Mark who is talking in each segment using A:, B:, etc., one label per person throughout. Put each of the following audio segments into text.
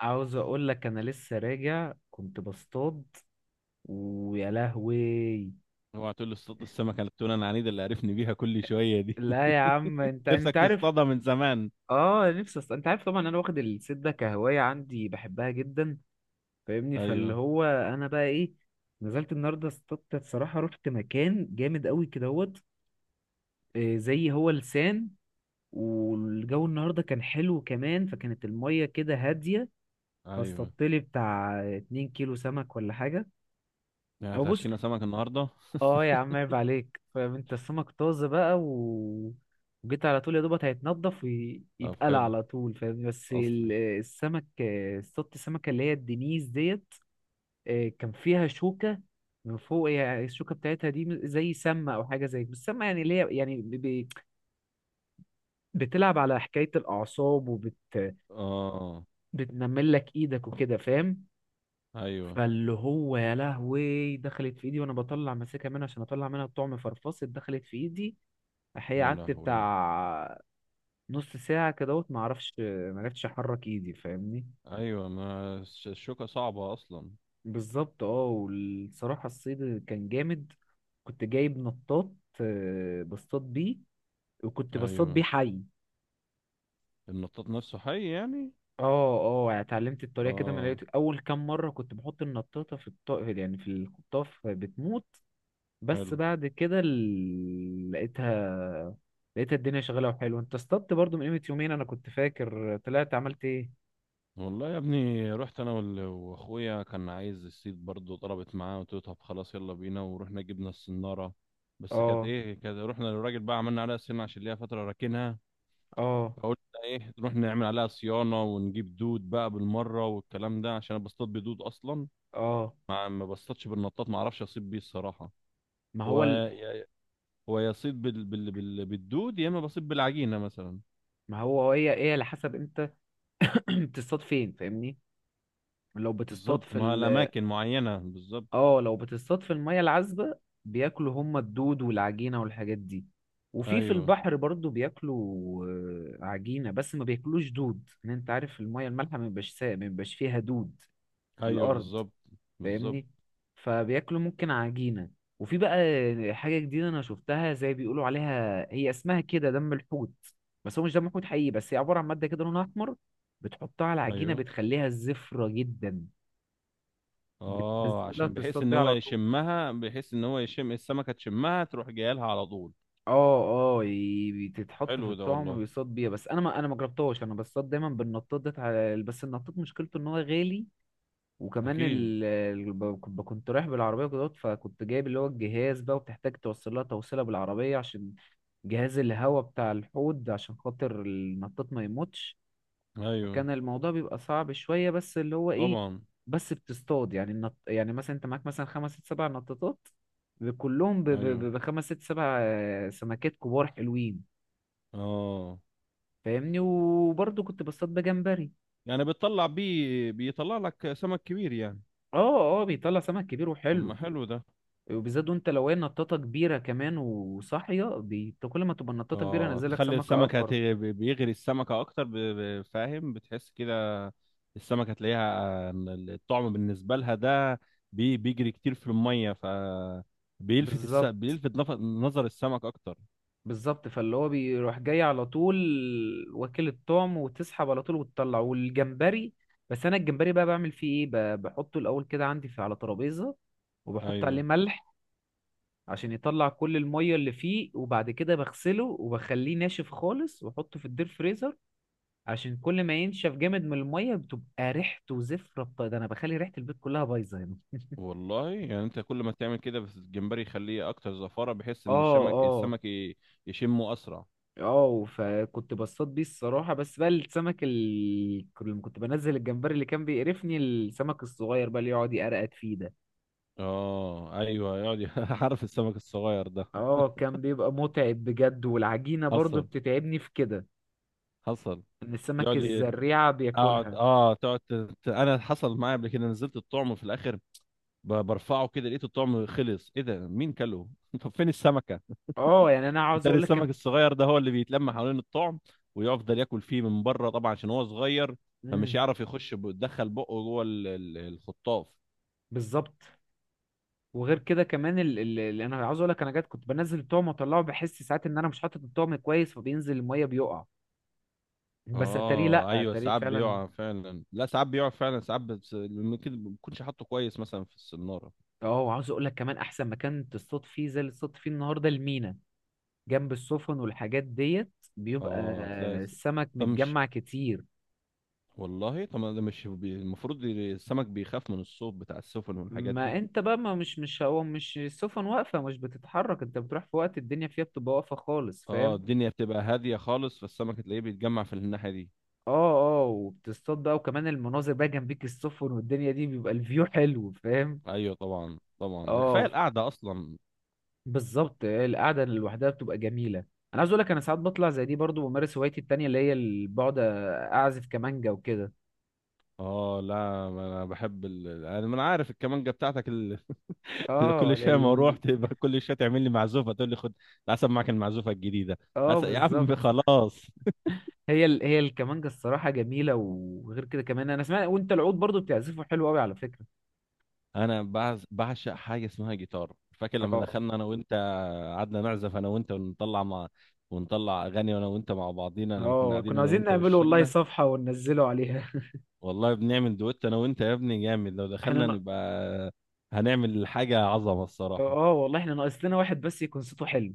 A: عاوز اقول لك انا لسه راجع كنت بصطاد. ويا لهوي!
B: اوعى تقول لي اصطاد السمكه التونه العنيده اللي عرفني بيها كل شويه دي.
A: لا يا عم، انت
B: نفسك
A: انت عارف.
B: تصطادها من زمان.
A: اه نفسي انت عارف طبعا، انا واخد الصيد ده كهوايه عندي بحبها جدا، فاهمني؟ فاللي
B: ايوه،
A: هو انا بقى ايه، نزلت النهارده اصطدت الصراحه، رحت مكان جامد قوي كدهوت، زي هو لسان. والجو النهارده كان حلو كمان، فكانت الميه كده هاديه،
B: ايوه،
A: فاصطدت لي بتاع 2 كيلو سمك ولا حاجه.
B: يعني
A: او بص،
B: هتعشينا سمك النهارده؟
A: اه يا عم عيب عليك، فانت السمك طازه بقى وجيت على طول يا دوبك، هيتنضف
B: طب
A: ويتقلى
B: حلو.
A: على طول فاهم، بس
B: اصلي.
A: السمك اصطدت السمكه اللي هي الدنيس ديت، كان فيها شوكه من فوق. يعني الشوكه بتاعتها دي زي سمه او حاجه زي، بس سمه يعني اللي هي يعني بتلعب على حكايه الاعصاب
B: اه،
A: بتنمل لك ايدك وكده، فاهم؟
B: ايوه.
A: فاللي هو يا لهوي دخلت في ايدي وانا بطلع ماسكها منها عشان اطلع منها الطعم فرفصت دخلت في ايدي. هي
B: يا
A: قعدت
B: لهوي.
A: بتاع نص ساعة كدهوت، معرفش معرفتش أحرك إيدي فاهمني.
B: ايوه، ما الشوكه صعبه اصلا.
A: بالظبط. اه والصراحة الصيد كان جامد، كنت جايب نطاط، بصطاد بيه، وكنت بصطاد
B: ايوه،
A: بيه حي.
B: النطاط نفسه حي يعني؟
A: اه. اه يعني اتعلمت الطريقة كده، من
B: اه،
A: لقيت أول كام مرة كنت بحط النطاطة في يعني في الخطاف بتموت، بس
B: حلو.
A: بعد كده لقيتها، الدنيا شغالة وحلوة. انت اصطدت برضو من قيمة يومين، أنا كنت فاكر طلعت عملت ايه؟
B: والله يا ابني، رحت انا واخويا كان عايز الصيد برضه، طلبت معاه، قلت له طب خلاص يلا بينا، ورحنا جبنا الصناره. بس كانت
A: اه
B: ايه، كانت رحنا للراجل بقى عملنا عليها صيانه عشان ليها فتره راكنها.
A: اه
B: فقلنا ايه، نروح نعمل عليها صيانه ونجيب دود بقى بالمره والكلام ده، عشان انا بصطاد بدود اصلا.
A: اه.
B: ما بصطادش بالنطاط، ما اعرفش اصيد بيه الصراحه.
A: ما هو
B: هو
A: ال...
B: يا- هو يصيد بالدود، يا اما بصيد بالعجينه مثلا.
A: ما هو هي ايه على حسب انت، بتصطاد فين فاهمني. لو بتصطاد
B: بالظبط، ما الاماكن معينه بالظبط.
A: اه لو بتصطاد في الميه العذبه، بياكلوا هم الدود والعجينه والحاجات دي. وفي في
B: ايوه،
A: البحر برضو بياكلوا عجينه، بس ما بياكلوش دود. ان انت عارف الميه المالحه ما بيبقاش ما بيبقاش فيها دود في
B: ايوه،
A: الارض،
B: بالظبط، بالظبط،
A: فاهمني؟ فبياكلوا ممكن عجينة. وفي بقى حاجة جديدة أنا شفتها، زي بيقولوا عليها، هي اسمها كده دم الحوت. بس هو مش دم حوت حقيقي، بس هي عبارة عن مادة كده لونها أحمر، بتحطها على عجينة
B: ايوه.
A: بتخليها زفرة جدا.
B: اه،
A: بتنزلها
B: عشان بحيث
A: تصطاد
B: ان
A: بيها
B: هو
A: على طول.
B: يشمها، بحيث ان هو يشم السمكه تشمها تروح جايه لها على طول.
A: اه اه
B: طب
A: بتتحط في
B: حلو ده
A: الطعم
B: والله.
A: وبيصطاد بيها. بس انا ما جربتهاش، انا بصطاد دايما بالنطاط ده. بس النطاط مشكلته ان هو غالي، وكمان
B: اكيد.
A: كنت رايح بالعربية كده، فكنت جايب اللي هو الجهاز بقى، وبتحتاج توصل لها توصيلة بالعربية عشان جهاز الهواء بتاع الحوض عشان خاطر النطاط ما يموتش.
B: ايوه،
A: فكان الموضوع بيبقى صعب شوية، بس اللي هو ايه،
B: طبعا.
A: بس بتصطاد. يعني يعني مثلا انت معاك مثلا خمس ست سبع نطاطات، كلهم
B: ايوه،
A: بخمس ست سبع سمكات كبار حلوين،
B: اه.
A: فاهمني. وبرضه كنت بصطاد بجمبري.
B: يعني بتطلع بيه بيطلع لك سمك كبير يعني؟
A: اه اه بيطلع سمك كبير
B: طب ما
A: وحلو.
B: حلو ده.
A: وبالذات وانت لو هي نطاطه كبيره كمان وصاحيه انت كل ما تبقى النطاطه كبيره
B: اه،
A: نزلك
B: تخلي
A: سمكه
B: السمكه
A: اكبر.
B: بيغري السمكه اكتر، فاهم بتحس كده. السمكه تلاقيها. الطعم بالنسبه لها ده بيجري كتير في الميه، ف
A: بالظبط،
B: بيلفت نظر السمك اكتر.
A: بالظبط، فاللي هو بيروح جاي على طول واكل الطعم، وتسحب على طول وتطلع. والجمبري، بس انا الجمبري بقى بعمل فيه ايه، بحطه الاول كده عندي في على ترابيزه، وبحط عليه
B: ايوه.
A: ملح عشان يطلع كل الميه اللي فيه، وبعد كده بغسله وبخليه ناشف خالص واحطه في الدير فريزر، عشان كل ما ينشف جامد من الميه، بتبقى ريحته زفره، ده انا بخلي ريحه البيت كلها بايظه هنا.
B: والله يعني انت كل ما تعمل كده بس الجمبري يخليه اكتر زفاره، بحيث ان
A: اه
B: الشمك
A: اه
B: السمك يشمه اسرع.
A: اه. فكنت بصطاد بيه الصراحة، بس بقى السمك لما كنت بنزل الجمبري، اللي كان بيقرفني السمك الصغير بقى اللي يقعد يقرقد فيه ده.
B: اه، ايوه، يقعد عارف السمك الصغير ده.
A: اه كان بيبقى متعب بجد. والعجينة برضو
B: حصل.
A: بتتعبني في كده،
B: حصل.
A: ان السمك
B: يقعد ي-
A: الزريعة
B: اقعد
A: بياكلها.
B: اه انا حصل معايا قبل كده، نزلت الطعم في الاخر، برفعه كده لقيت الطعم خلص، ايه ده مين كله؟ طب فين السمكه؟
A: اه يعني انا عاوز
B: بتاري
A: اقول لك
B: السمك الصغير ده هو اللي بيتلم حوالين الطعم، ويفضل ياكل فيه من بره طبعا عشان هو صغير، فمش
A: مم،
B: يعرف يخش يدخل بقه جوه الخطاف.
A: بالظبط. وغير كده كمان اللي انا عاوز اقول لك، انا جات كنت بنزل الطعم واطلعه، بحس ساعات ان انا مش حاطط الطعم كويس فبينزل المية بيقع، بس اتاريه
B: اه،
A: لا،
B: ايوه،
A: اتاريه
B: ساعات
A: فعلا.
B: بيقع فعلا، لا ساعات بيقع فعلا ساعات، بس ممكن ما بكونش حاطه كويس مثلا في السناره.
A: اه وعاوز اقول لك كمان احسن مكان تصطاد فيه زي اللي تصطاد فيه النهارده المينا، جنب السفن والحاجات ديت، بيبقى
B: اه، تلاقي
A: السمك
B: طب مش،
A: متجمع كتير.
B: والله طب ما ده مش المفروض السمك بيخاف من الصوت بتاع السفن والحاجات دي؟
A: ما انت بقى ما مش مش هو مش السفن واقفه، مش بتتحرك. انت بتروح في وقت الدنيا فيها بتبقى واقفه خالص،
B: اه،
A: فاهم.
B: الدنيا بتبقى هاديه خالص، فالسمك تلاقيه بيتجمع في الناحيه دي.
A: اه اه. وبتصطاد بقى، وكمان المناظر بقى جنبيك السفن والدنيا دي بيبقى الفيو حلو، فاهم؟
B: ايوه، طبعا، طبعا، ده كفايه
A: اه
B: القعده اصلا.
A: بالظبط القعده لوحدها بتبقى جميله. انا عايز اقول لك انا ساعات بطلع زي دي برضو بمارس هوايتي التانية اللي هي بقعد اعزف كمانجا وكده.
B: اه، لا، ما انا بحب انا ما أنا عارف الكمانجه بتاعتك اللي
A: اه
B: كل شويه ما اروح تبقى كل شويه تعمل لي معزوفه تقول لي خد. العسل معاك المعزوفه الجديده.
A: اه
B: عسل يا عم،
A: بالظبط.
B: خلاص.
A: هي الكمانجة الصراحة جميلة، وغير كده كمان انا سمعت وانت العود برضو بتعزفه حلو قوي على فكرة.
B: انا بعشق حاجه اسمها جيتار. فاكر لما
A: اه
B: دخلنا انا وانت قعدنا نعزف انا وانت ونطلع اغاني انا وانت مع بعضينا لما كنا
A: اه
B: قاعدين
A: كنا
B: انا
A: عايزين
B: وانت
A: نعمله والله
B: والشله.
A: صفحة وننزله عليها.
B: والله بنعمل دويت انا وانت يا ابني جامد، لو
A: احنا
B: دخلنا
A: ن...
B: نبقى هنعمل حاجه عظمه الصراحه.
A: اه والله احنا ناقص لنا واحد بس يكون صوته حلو.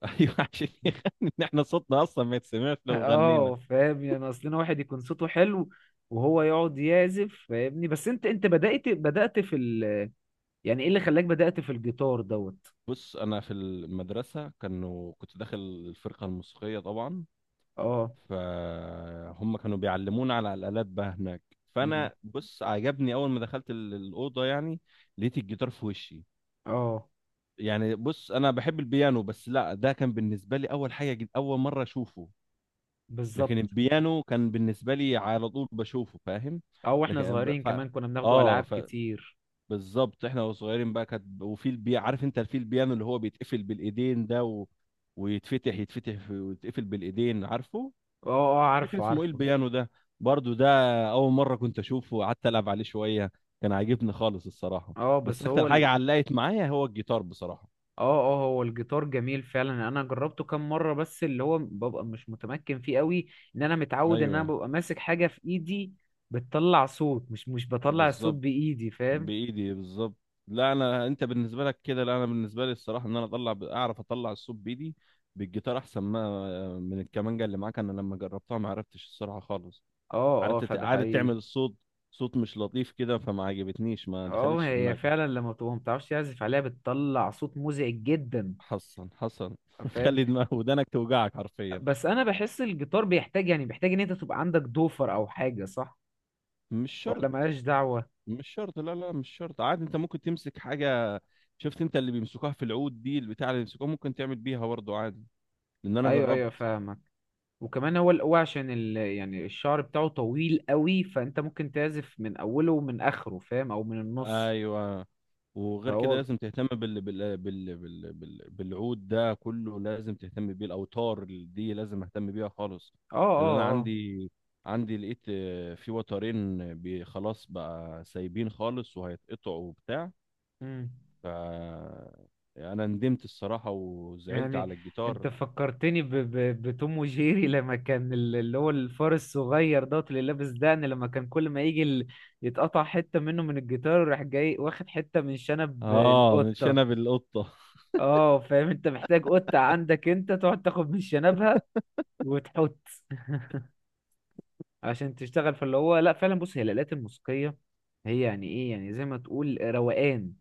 B: ايوه، عشان يغني، ان احنا صوتنا اصلا ما يتسمعش لو غنينا.
A: اه فاهم، يعني ناقص لنا واحد يكون صوته حلو وهو يقعد يعزف، فاهمني؟ بس انت بدأت يعني ايه اللي خلاك بدأت في الجيتار دوت؟
B: بص، انا في المدرسه كنت داخل الفرقه الموسيقيه طبعا.
A: اه.
B: فهم كانوا بيعلمونا على الالات بقى هناك.
A: مم.
B: فانا بص، عجبني اول ما دخلت الاوضه يعني. لقيت الجيتار في وشي.
A: اه
B: يعني بص، انا بحب البيانو، بس لا ده كان بالنسبه لي اول حاجه اول مره اشوفه. لكن
A: بالظبط.
B: البيانو كان بالنسبه لي على طول بشوفه فاهم.
A: اه واحنا
B: لكن
A: صغيرين كمان كنا بناخده العاب
B: اه،
A: كتير.
B: بالظبط، احنا وصغيرين بقى كانت، وفي عارف انت الفيل بيانو اللي هو بيتقفل بالايدين ده ويتفتح ويتقفل بالايدين عارفه.
A: اه اه،
B: فاكر
A: عارفه
B: اسمه ايه
A: عارفه.
B: البيانو ده، برضو ده؟ اول مره كنت اشوفه، وقعدت العب عليه شويه. كان عاجبني خالص الصراحه.
A: اه
B: بس اكتر حاجه علقت معايا هو الجيتار بصراحه.
A: اه اه هو الجيتار جميل فعلا، انا جربته كام مره، بس اللي هو ببقى مش متمكن فيه قوي، ان انا متعود ان انا
B: ايوه،
A: ببقى ماسك حاجه في ايدي بتطلع صوت، مش بطلع الصوت
B: بالظبط،
A: بايدي، فاهم؟
B: بايدي بالظبط. لا انا، انت بالنسبه لك كده، لا انا بالنسبه لي الصراحه، ان انا اطلع اعرف اطلع الصوت بايدي بالجيتار احسن ما من الكمانجه. اللي معاك انا لما جربتها ما عرفتش الصراحه خالص.
A: اه اه
B: قعدت
A: فده
B: قعدت
A: حقيقي.
B: تعمل الصوت، صوت مش لطيف كده، فما عجبتنيش، ما
A: اه
B: دخلتش
A: هي
B: دماغي.
A: فعلا لما بتبقى متعرفش تعزف عليها بتطلع صوت مزعج جدا،
B: حصن حصن.
A: فاهم.
B: خلي دماغ ودانك توجعك حرفيا.
A: بس انا بحس الجيتار بيحتاج، يعني بيحتاج ان انت تبقى عندك دوفر او حاجه، صح
B: مش شرط.
A: ولا ملهاش دعوه؟
B: مش شرط. لا لا، مش شرط، عادي انت ممكن تمسك حاجة. شفت انت اللي بيمسكوها في العود دي، البتاع اللي بيمسكوها ممكن تعمل بيها برضه عادي، لان انا
A: ايوه، ايوه
B: جربت.
A: فاهمك. وكمان هو هو عشان يعني الشعر بتاعه طويل قوي، فانت ممكن تعزف من اوله ومن اخره فاهم، او من النص.
B: ايوه. وغير
A: فهو
B: كده
A: اه
B: لازم تهتم بالعود، ده كله لازم تهتم بيه، الاوتار دي لازم اهتم بيها خالص.
A: اه
B: لان انا
A: اه.
B: عندي، عندي لقيت في وترين خلاص بقى سايبين خالص وهيتقطعوا وبتاع.
A: مم.
B: ف انا ندمت الصراحة وزعلت
A: يعني
B: على
A: انت
B: الجيتار.
A: فكرتني بتوم وجيري. لما كان اللي هو الفار الصغير دوت اللي لابس دقن، لما كان كل ما يجي يتقطع حتة منه من الجيتار، راح جاي واخد حتة من شنب
B: اه، مش
A: القطة.
B: انا بالقطة.
A: اه فاهم، انت محتاج قطة عندك انت تقعد تاخد من شنبها وتحط. عشان تشتغل. فاللي هو لا فعلا بص، هي الآلات الموسيقية، هي يعني ايه يعني زي ما تقول روقان،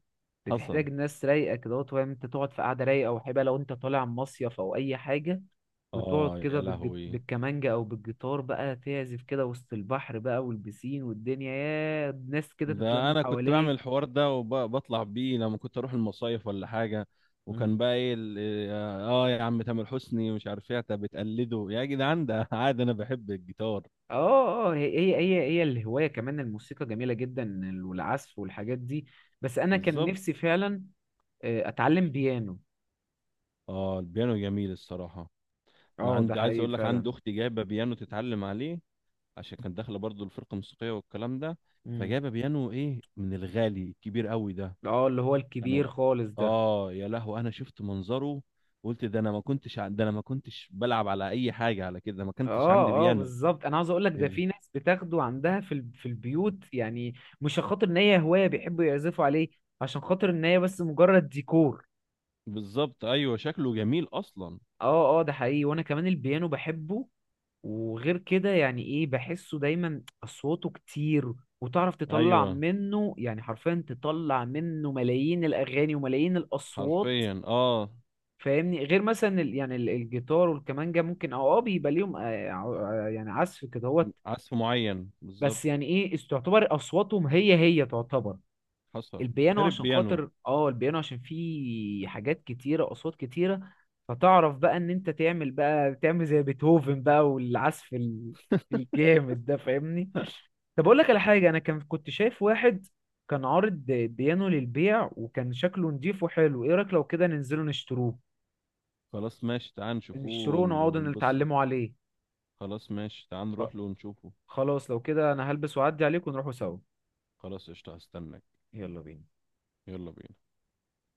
B: حصل.
A: بتحتاج ناس رايقة كده، وتقعد انت تقعد في قعدة رايقة وحبة، لو انت طالع مصيف او اي حاجة، وتقعد
B: اه،
A: كده
B: يا لهوي،
A: بالكمانجة او بالجيتار بقى تعزف كده وسط البحر بقى والبسين والدنيا يا ناس كده
B: ده
A: تتلم
B: انا كنت بعمل
A: حواليك.
B: الحوار ده وبطلع بيه لما كنت اروح المصايف ولا حاجه.
A: مم.
B: وكان بقى ايه اه، يا عم تامر حسني مش عارف ايه انت بتقلده يا جدعان ده. عادي، انا بحب الجيتار.
A: اه اه هي الهواية كمان الموسيقى جميلة جدا والعزف والحاجات دي. بس انا كان
B: بالظبط.
A: نفسي فعلا اتعلم بيانو.
B: اه، البيانو جميل الصراحه. انا
A: اه ده
B: عندي، عايز
A: حقيقي
B: اقول لك
A: فعلا.
B: عندي اختي جايبه بيانو تتعلم عليه، عشان كانت داخله برضو الفرقه الموسيقيه والكلام ده.
A: امم
B: فجايبه بيانو، ايه، من الغالي الكبير قوي ده.
A: اه اللي هو الكبير
B: كانوا.
A: خالص ده.
B: اه، يا لهوي، انا شفت منظره، قلت ده انا ما كنتش بلعب على اي حاجه على كده، ما كنتش عندي
A: اه اه
B: بيانو.
A: بالظبط. انا عاوز اقول لك ده
B: إيه.
A: في ناس بتاخده عندها في البيوت يعني، مش عشان خاطر ان هي هوايه بيحبوا يعزفوا عليه، عشان خاطر ان هي بس مجرد ديكور.
B: بالظبط، ايوه، شكله جميل اصلا.
A: اه اه ده حقيقي، وانا كمان البيانو بحبه. وغير كده يعني ايه بحسه دايما اصواته كتير، وتعرف تطلع
B: ايوه،
A: منه يعني حرفيا تطلع منه ملايين الاغاني وملايين الاصوات،
B: حرفيا، اه.
A: فاهمني. غير مثلا الجيتار والكمانجا ممكن اه اه بيبقى ليهم يعني عزف كده هوت.
B: عزف معين بالظبط.
A: بس يعني ايه تعتبر اصواتهم هي تعتبر.
B: حصل.
A: البيانو
B: غير
A: عشان
B: البيانو.
A: خاطر اه، البيانو عشان فيه حاجات كتيرة اصوات كتيرة، فتعرف بقى ان انت تعمل بقى تعمل زي بيتهوفن بقى، والعزف الجامد ده فاهمني. طب اقول لك على حاجة، انا كان كنت شايف واحد كان عارض بيانو للبيع وكان شكله نضيف وحلو، ايه رأيك لو كده ننزله نشتروه،
B: خلاص ماشي، تعال نشوفوه
A: نشتروه ونقعدوا
B: ونبصه.
A: نتعلموا عليه.
B: خلاص ماشي تعال
A: خ-
B: نروح له ونشوفه.
A: خلاص لو كده انا هلبس واعدي عليك ونروحوا سوا.
B: خلاص قشطة، هستناك.
A: يلا بينا.
B: يلا بينا.